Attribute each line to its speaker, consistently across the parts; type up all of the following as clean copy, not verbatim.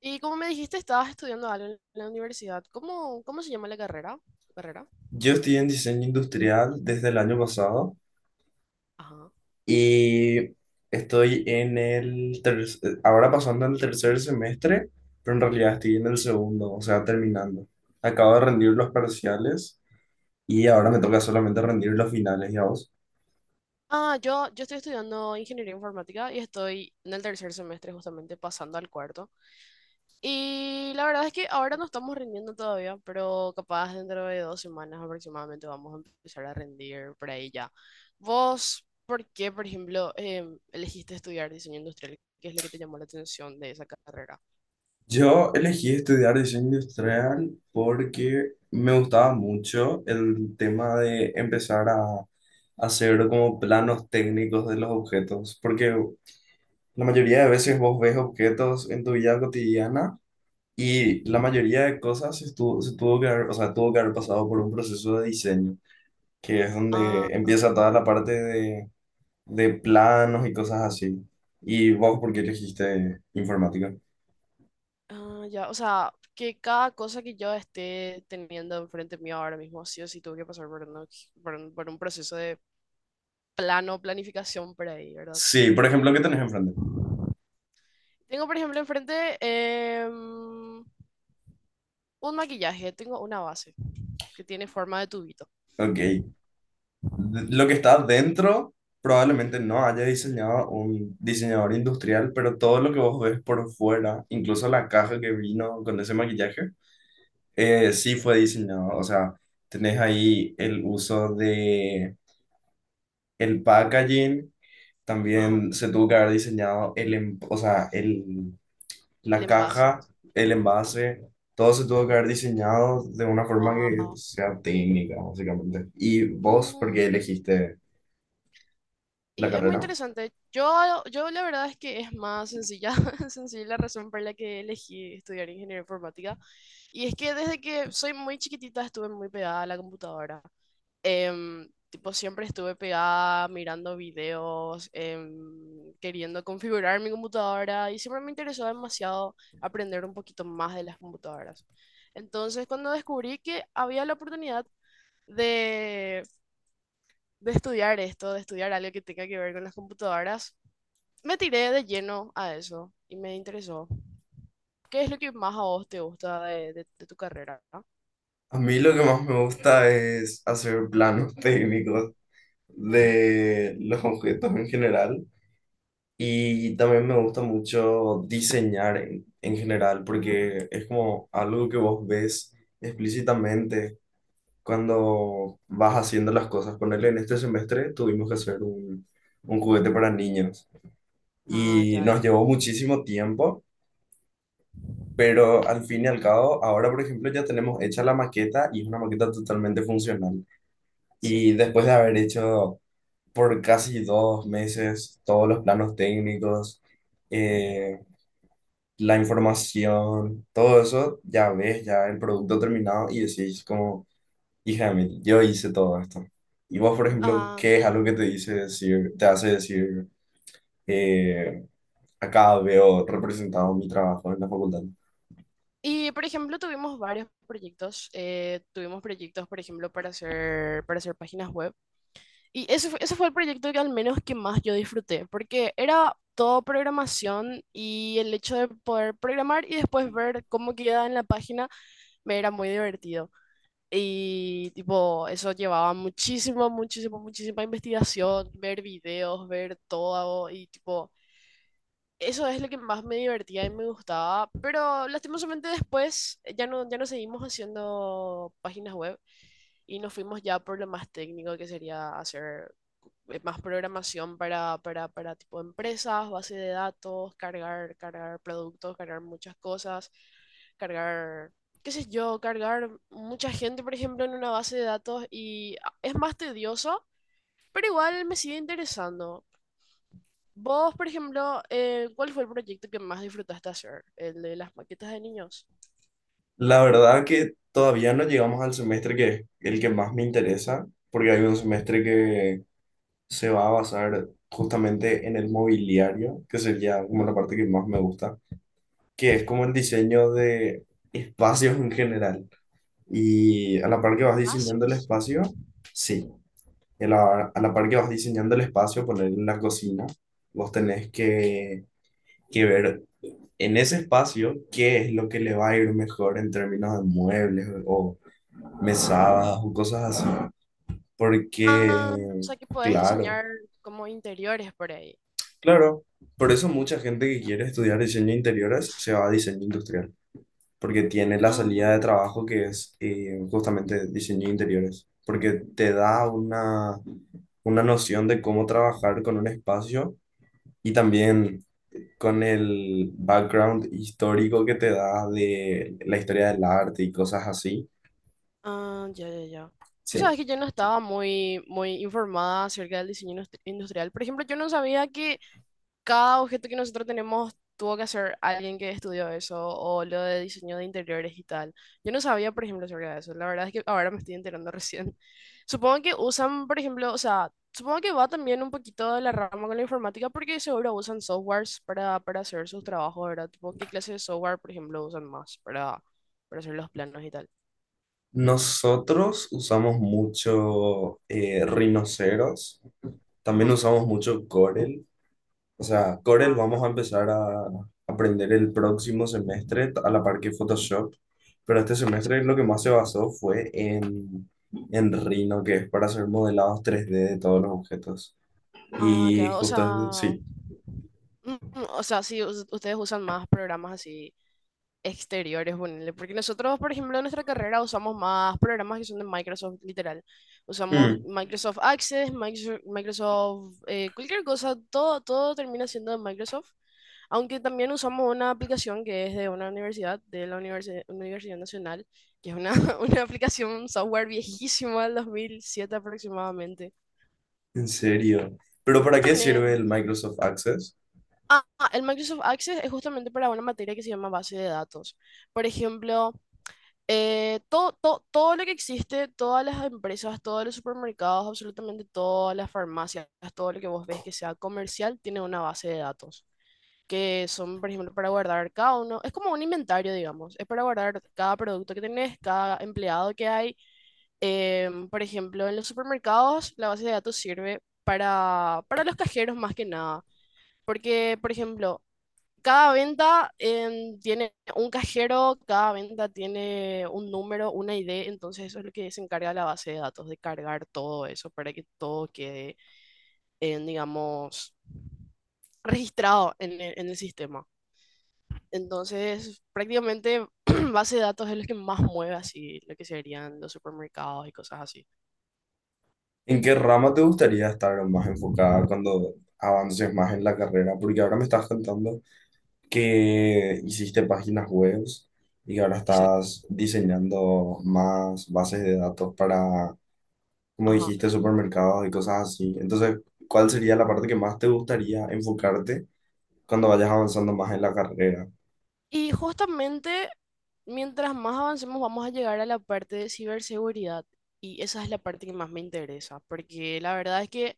Speaker 1: Y como me dijiste, estabas estudiando algo en la universidad. ¿Cómo se llama la carrera? ¿Carrera?
Speaker 2: Yo estoy en diseño industrial desde el año pasado
Speaker 1: Ajá.
Speaker 2: y estoy en el ahora pasando al tercer semestre, pero en realidad estoy en el segundo, o sea, terminando. Acabo de rendir los parciales y ahora me toca solamente rendir los finales, ya vos.
Speaker 1: Ah, yo estoy estudiando ingeniería informática y estoy en el tercer semestre, justamente pasando al cuarto. Y la verdad es que ahora no estamos rindiendo todavía, pero capaz dentro de 2 semanas aproximadamente vamos a empezar a rendir por ahí ya. ¿Vos por qué, por ejemplo, elegiste estudiar diseño industrial? ¿Qué es lo que te llamó la atención de esa carrera?
Speaker 2: Yo elegí estudiar diseño industrial porque me gustaba mucho el tema de empezar a hacer como planos técnicos de los objetos, porque la mayoría de veces vos ves objetos en tu vida cotidiana y la mayoría de cosas se tuvo que haber, o sea, tuvo que haber pasado por un proceso de diseño, que es
Speaker 1: Ah,
Speaker 2: donde empieza toda
Speaker 1: ya.
Speaker 2: la parte de planos y cosas así. ¿Y vos por qué elegiste informática?
Speaker 1: Ah, ya, o sea, que cada cosa que yo esté teniendo enfrente mío ahora mismo, sí o sí tuve que pasar por un proceso de planificación por ahí, ¿verdad?
Speaker 2: Sí, por ejemplo, ¿qué tenés enfrente?
Speaker 1: Tengo, por ejemplo, enfrente un maquillaje, tengo una base que tiene forma de tubito.
Speaker 2: Ok. Lo que está dentro probablemente no haya diseñado un diseñador industrial, pero todo lo que vos ves por fuera, incluso la caja que vino con ese maquillaje, sí fue diseñado, o sea, tenés ahí el uso de el packaging,
Speaker 1: Ajá,
Speaker 2: también se tuvo que haber diseñado el, o sea, el,
Speaker 1: el
Speaker 2: la
Speaker 1: envase.
Speaker 2: caja, el envase, todo se tuvo que haber diseñado de una forma que
Speaker 1: Wow.
Speaker 2: sea técnica, básicamente. ¿Y vos por qué elegiste la
Speaker 1: Y es muy
Speaker 2: carrera?
Speaker 1: interesante. Yo la verdad es que es más sencilla, sencilla la razón por la que elegí estudiar ingeniería informática. Y es que desde que soy muy chiquitita estuve muy pegada a la computadora. Tipo, siempre estuve pegada mirando videos, queriendo configurar mi computadora y siempre me interesó demasiado aprender un poquito más de las computadoras. Entonces, cuando descubrí que había la oportunidad de de estudiar esto, de estudiar algo que tenga que ver con las computadoras, me tiré de lleno a eso y me interesó. ¿Qué es lo que más a vos te gusta de tu carrera, ¿no?
Speaker 2: A mí lo que más me gusta es hacer planos técnicos
Speaker 1: Ujú.
Speaker 2: de los objetos en general. Y también me gusta mucho diseñar en general, porque es como algo que vos ves explícitamente cuando vas haciendo las cosas. Ponerle en este semestre tuvimos que hacer un juguete para niños
Speaker 1: Ah,
Speaker 2: y
Speaker 1: ya, ya,
Speaker 2: nos
Speaker 1: ya.
Speaker 2: llevó muchísimo tiempo, pero al fin y al cabo, ahora por ejemplo ya tenemos hecha la maqueta y es una maqueta totalmente funcional.
Speaker 1: Sí.
Speaker 2: Y después de haber hecho por casi 2 meses todos los planos técnicos, eh, la información, todo eso, ya ves ya el producto terminado y decís como, hija de mí, yo hice todo esto. Y vos, por ejemplo,
Speaker 1: Ah,
Speaker 2: ¿qué es
Speaker 1: claro.
Speaker 2: algo que te dice decir, te hace decir, eh, acá veo representado mi trabajo en la facultad?
Speaker 1: Y, por ejemplo, tuvimos varios proyectos. Tuvimos proyectos, por ejemplo, para hacer páginas web. Y ese fue el proyecto que al menos que más yo disfruté, porque era todo programación y el hecho de poder programar y después ver cómo queda en la página me era muy divertido. Y tipo, eso llevaba muchísimo, muchísimo, muchísima investigación, ver videos, ver todo y tipo, eso es lo que más me divertía y me gustaba, pero lastimosamente después ya no seguimos haciendo páginas web y nos fuimos ya por lo más técnico que sería hacer más programación para tipo empresas, base de datos, cargar productos, cargar muchas cosas, cargar, qué sé yo, cargar mucha gente, por ejemplo, en una base de datos y ah, es más tedioso, pero igual me sigue interesando. Vos, por ejemplo, ¿cuál fue el proyecto que más disfrutaste hacer? ¿El de las maquetas de niños?
Speaker 2: La verdad que todavía no llegamos al semestre que es el que más me interesa, porque hay un semestre que se va a basar justamente en el mobiliario, que sería como la parte que más me gusta que es
Speaker 1: Sí.
Speaker 2: como el diseño de espacios en general. Y a la par que vas diseñando el
Speaker 1: Espacios.
Speaker 2: espacio, sí, y a la par que vas diseñando el espacio, poner en la cocina, vos tenés que ver en ese espacio qué es lo que le va a ir mejor en términos de muebles o mesadas o cosas así.
Speaker 1: Ah, o
Speaker 2: Porque,
Speaker 1: sea que podés
Speaker 2: claro,
Speaker 1: diseñar como interiores por ahí.
Speaker 2: claro, por eso mucha
Speaker 1: Ah,
Speaker 2: gente que
Speaker 1: ya.
Speaker 2: quiere estudiar diseño de interiores se va a diseño industrial, porque tiene la
Speaker 1: Ah,
Speaker 2: salida de trabajo que es justamente diseño de interiores, porque te da una noción de cómo trabajar con un espacio y también con el background histórico que te da de la historia del arte y cosas así.
Speaker 1: ah, ya, ya, ya. Tú
Speaker 2: Sí.
Speaker 1: sabes que yo no estaba muy, muy informada acerca del diseño industrial. Por ejemplo, yo no sabía que cada objeto que nosotros tenemos tuvo que hacer alguien que estudió eso o lo de diseño de interiores y tal. Yo no sabía, por ejemplo, sobre eso. La verdad es que ahora me estoy enterando recién. Supongo que usan, por ejemplo, o sea, supongo que va también un poquito de la rama con la informática porque seguro usan softwares para hacer sus trabajos, ¿verdad? Tipo, ¿qué clase de software, por ejemplo, usan más para hacer los planos y tal?
Speaker 2: Nosotros usamos mucho rinoceros, también
Speaker 1: Ajá,
Speaker 2: usamos mucho Corel. O sea, Corel
Speaker 1: ah, ya.
Speaker 2: vamos a empezar a aprender el próximo semestre a la par que Photoshop, pero este
Speaker 1: Sí.
Speaker 2: semestre lo que más se basó fue en Rhino, que es para hacer modelados 3D de todos los objetos.
Speaker 1: Ah, ya,
Speaker 2: Y
Speaker 1: o
Speaker 2: justo,
Speaker 1: sea,
Speaker 2: sí.
Speaker 1: o sea, sí, ustedes usan más programas así exteriores, ponele. Porque nosotros, por ejemplo, en nuestra carrera usamos más programas que son de Microsoft, literal. Usamos
Speaker 2: Mm,
Speaker 1: Microsoft Access, Microsoft, cualquier cosa, todo, todo termina siendo de Microsoft. Aunque también usamos una aplicación que es de una universidad, de la Universidad Nacional, que es una, una aplicación, un software viejísimo del 2007 aproximadamente.
Speaker 2: en serio. ¿Pero
Speaker 1: Vos
Speaker 2: para qué
Speaker 1: tenés...
Speaker 2: sirve el Microsoft Access?
Speaker 1: Ah, ah, el Microsoft Access es justamente para una materia que se llama base de datos. Por ejemplo, eh, todo, todo, todo lo que existe, todas las empresas, todos los supermercados, absolutamente todas las farmacias, todo lo que vos ves que sea comercial, tiene una base de datos, que son, por ejemplo, para guardar cada uno, es como un inventario, digamos, es para guardar cada producto que tenés, cada empleado que hay. Por ejemplo, en los supermercados, la base de datos sirve para los cajeros más que nada, porque, por ejemplo, cada venta tiene un cajero, cada venta tiene un número, una ID, entonces eso es lo que se encarga la base de datos, de cargar todo eso para que todo quede, en, digamos, registrado en el sistema. Entonces, prácticamente base de datos es lo que más mueve así, lo que serían los supermercados y cosas así.
Speaker 2: ¿En qué rama te gustaría estar más enfocada cuando avances más en la carrera? Porque ahora me estás contando que hiciste páginas web y ahora
Speaker 1: Exacto.
Speaker 2: estás diseñando más bases de datos para, como
Speaker 1: Ajá.
Speaker 2: dijiste, supermercados y cosas así. Entonces, ¿cuál sería la parte que más te gustaría enfocarte cuando vayas avanzando más en la carrera?
Speaker 1: Y justamente, mientras más avancemos, vamos a llegar a la parte de ciberseguridad. Y esa es la parte que más me interesa, porque la verdad es que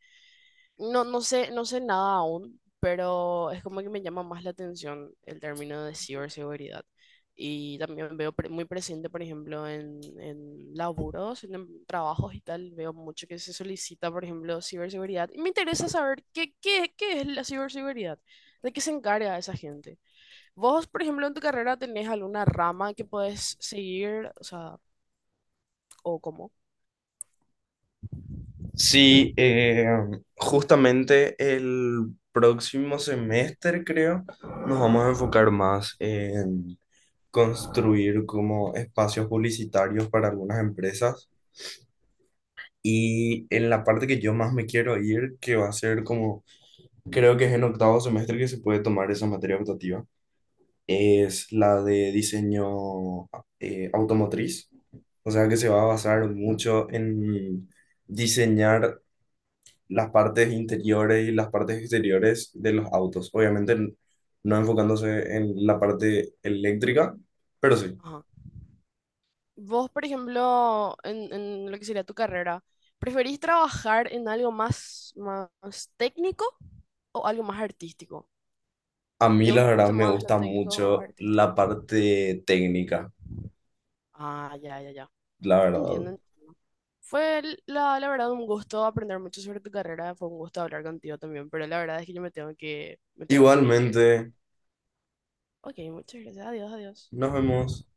Speaker 1: no, no sé, no sé nada aún, pero es como que me llama más la atención el término de ciberseguridad. Y también veo muy presente, por ejemplo, en laburos, trabajos y tal, veo mucho que se solicita, por ejemplo, ciberseguridad. Y me interesa saber qué es la ciberseguridad, de qué se encarga esa gente. Vos, por ejemplo, en tu carrera tenés alguna rama que podés seguir, o sea, o cómo.
Speaker 2: Sí, justamente el próximo semestre, creo, nos vamos a enfocar más en construir como espacios publicitarios para algunas empresas. Y en la parte que yo más me quiero ir, que va a ser como, creo que es en octavo semestre que se puede tomar esa materia optativa, es la de diseño, automotriz. O sea que se va a basar mucho en diseñar las partes interiores y las partes exteriores de los autos. Obviamente no enfocándose en la parte eléctrica, pero sí.
Speaker 1: Ajá. Vos, por ejemplo, en lo que sería tu carrera, ¿preferís trabajar en algo más, más técnico o algo más artístico?
Speaker 2: A
Speaker 1: ¿Te
Speaker 2: mí la verdad
Speaker 1: gusta
Speaker 2: me
Speaker 1: más lo
Speaker 2: gusta
Speaker 1: técnico o
Speaker 2: mucho la
Speaker 1: artístico?
Speaker 2: parte técnica,
Speaker 1: Ah, ya, ya, ya.
Speaker 2: la verdad.
Speaker 1: Entiendo. Entiendo. Fue la verdad un gusto aprender mucho sobre tu carrera, fue un gusto hablar contigo también, pero la verdad es que yo me tengo que ir.
Speaker 2: Igualmente,
Speaker 1: Ok, muchas gracias, adiós, adiós.
Speaker 2: nos vemos.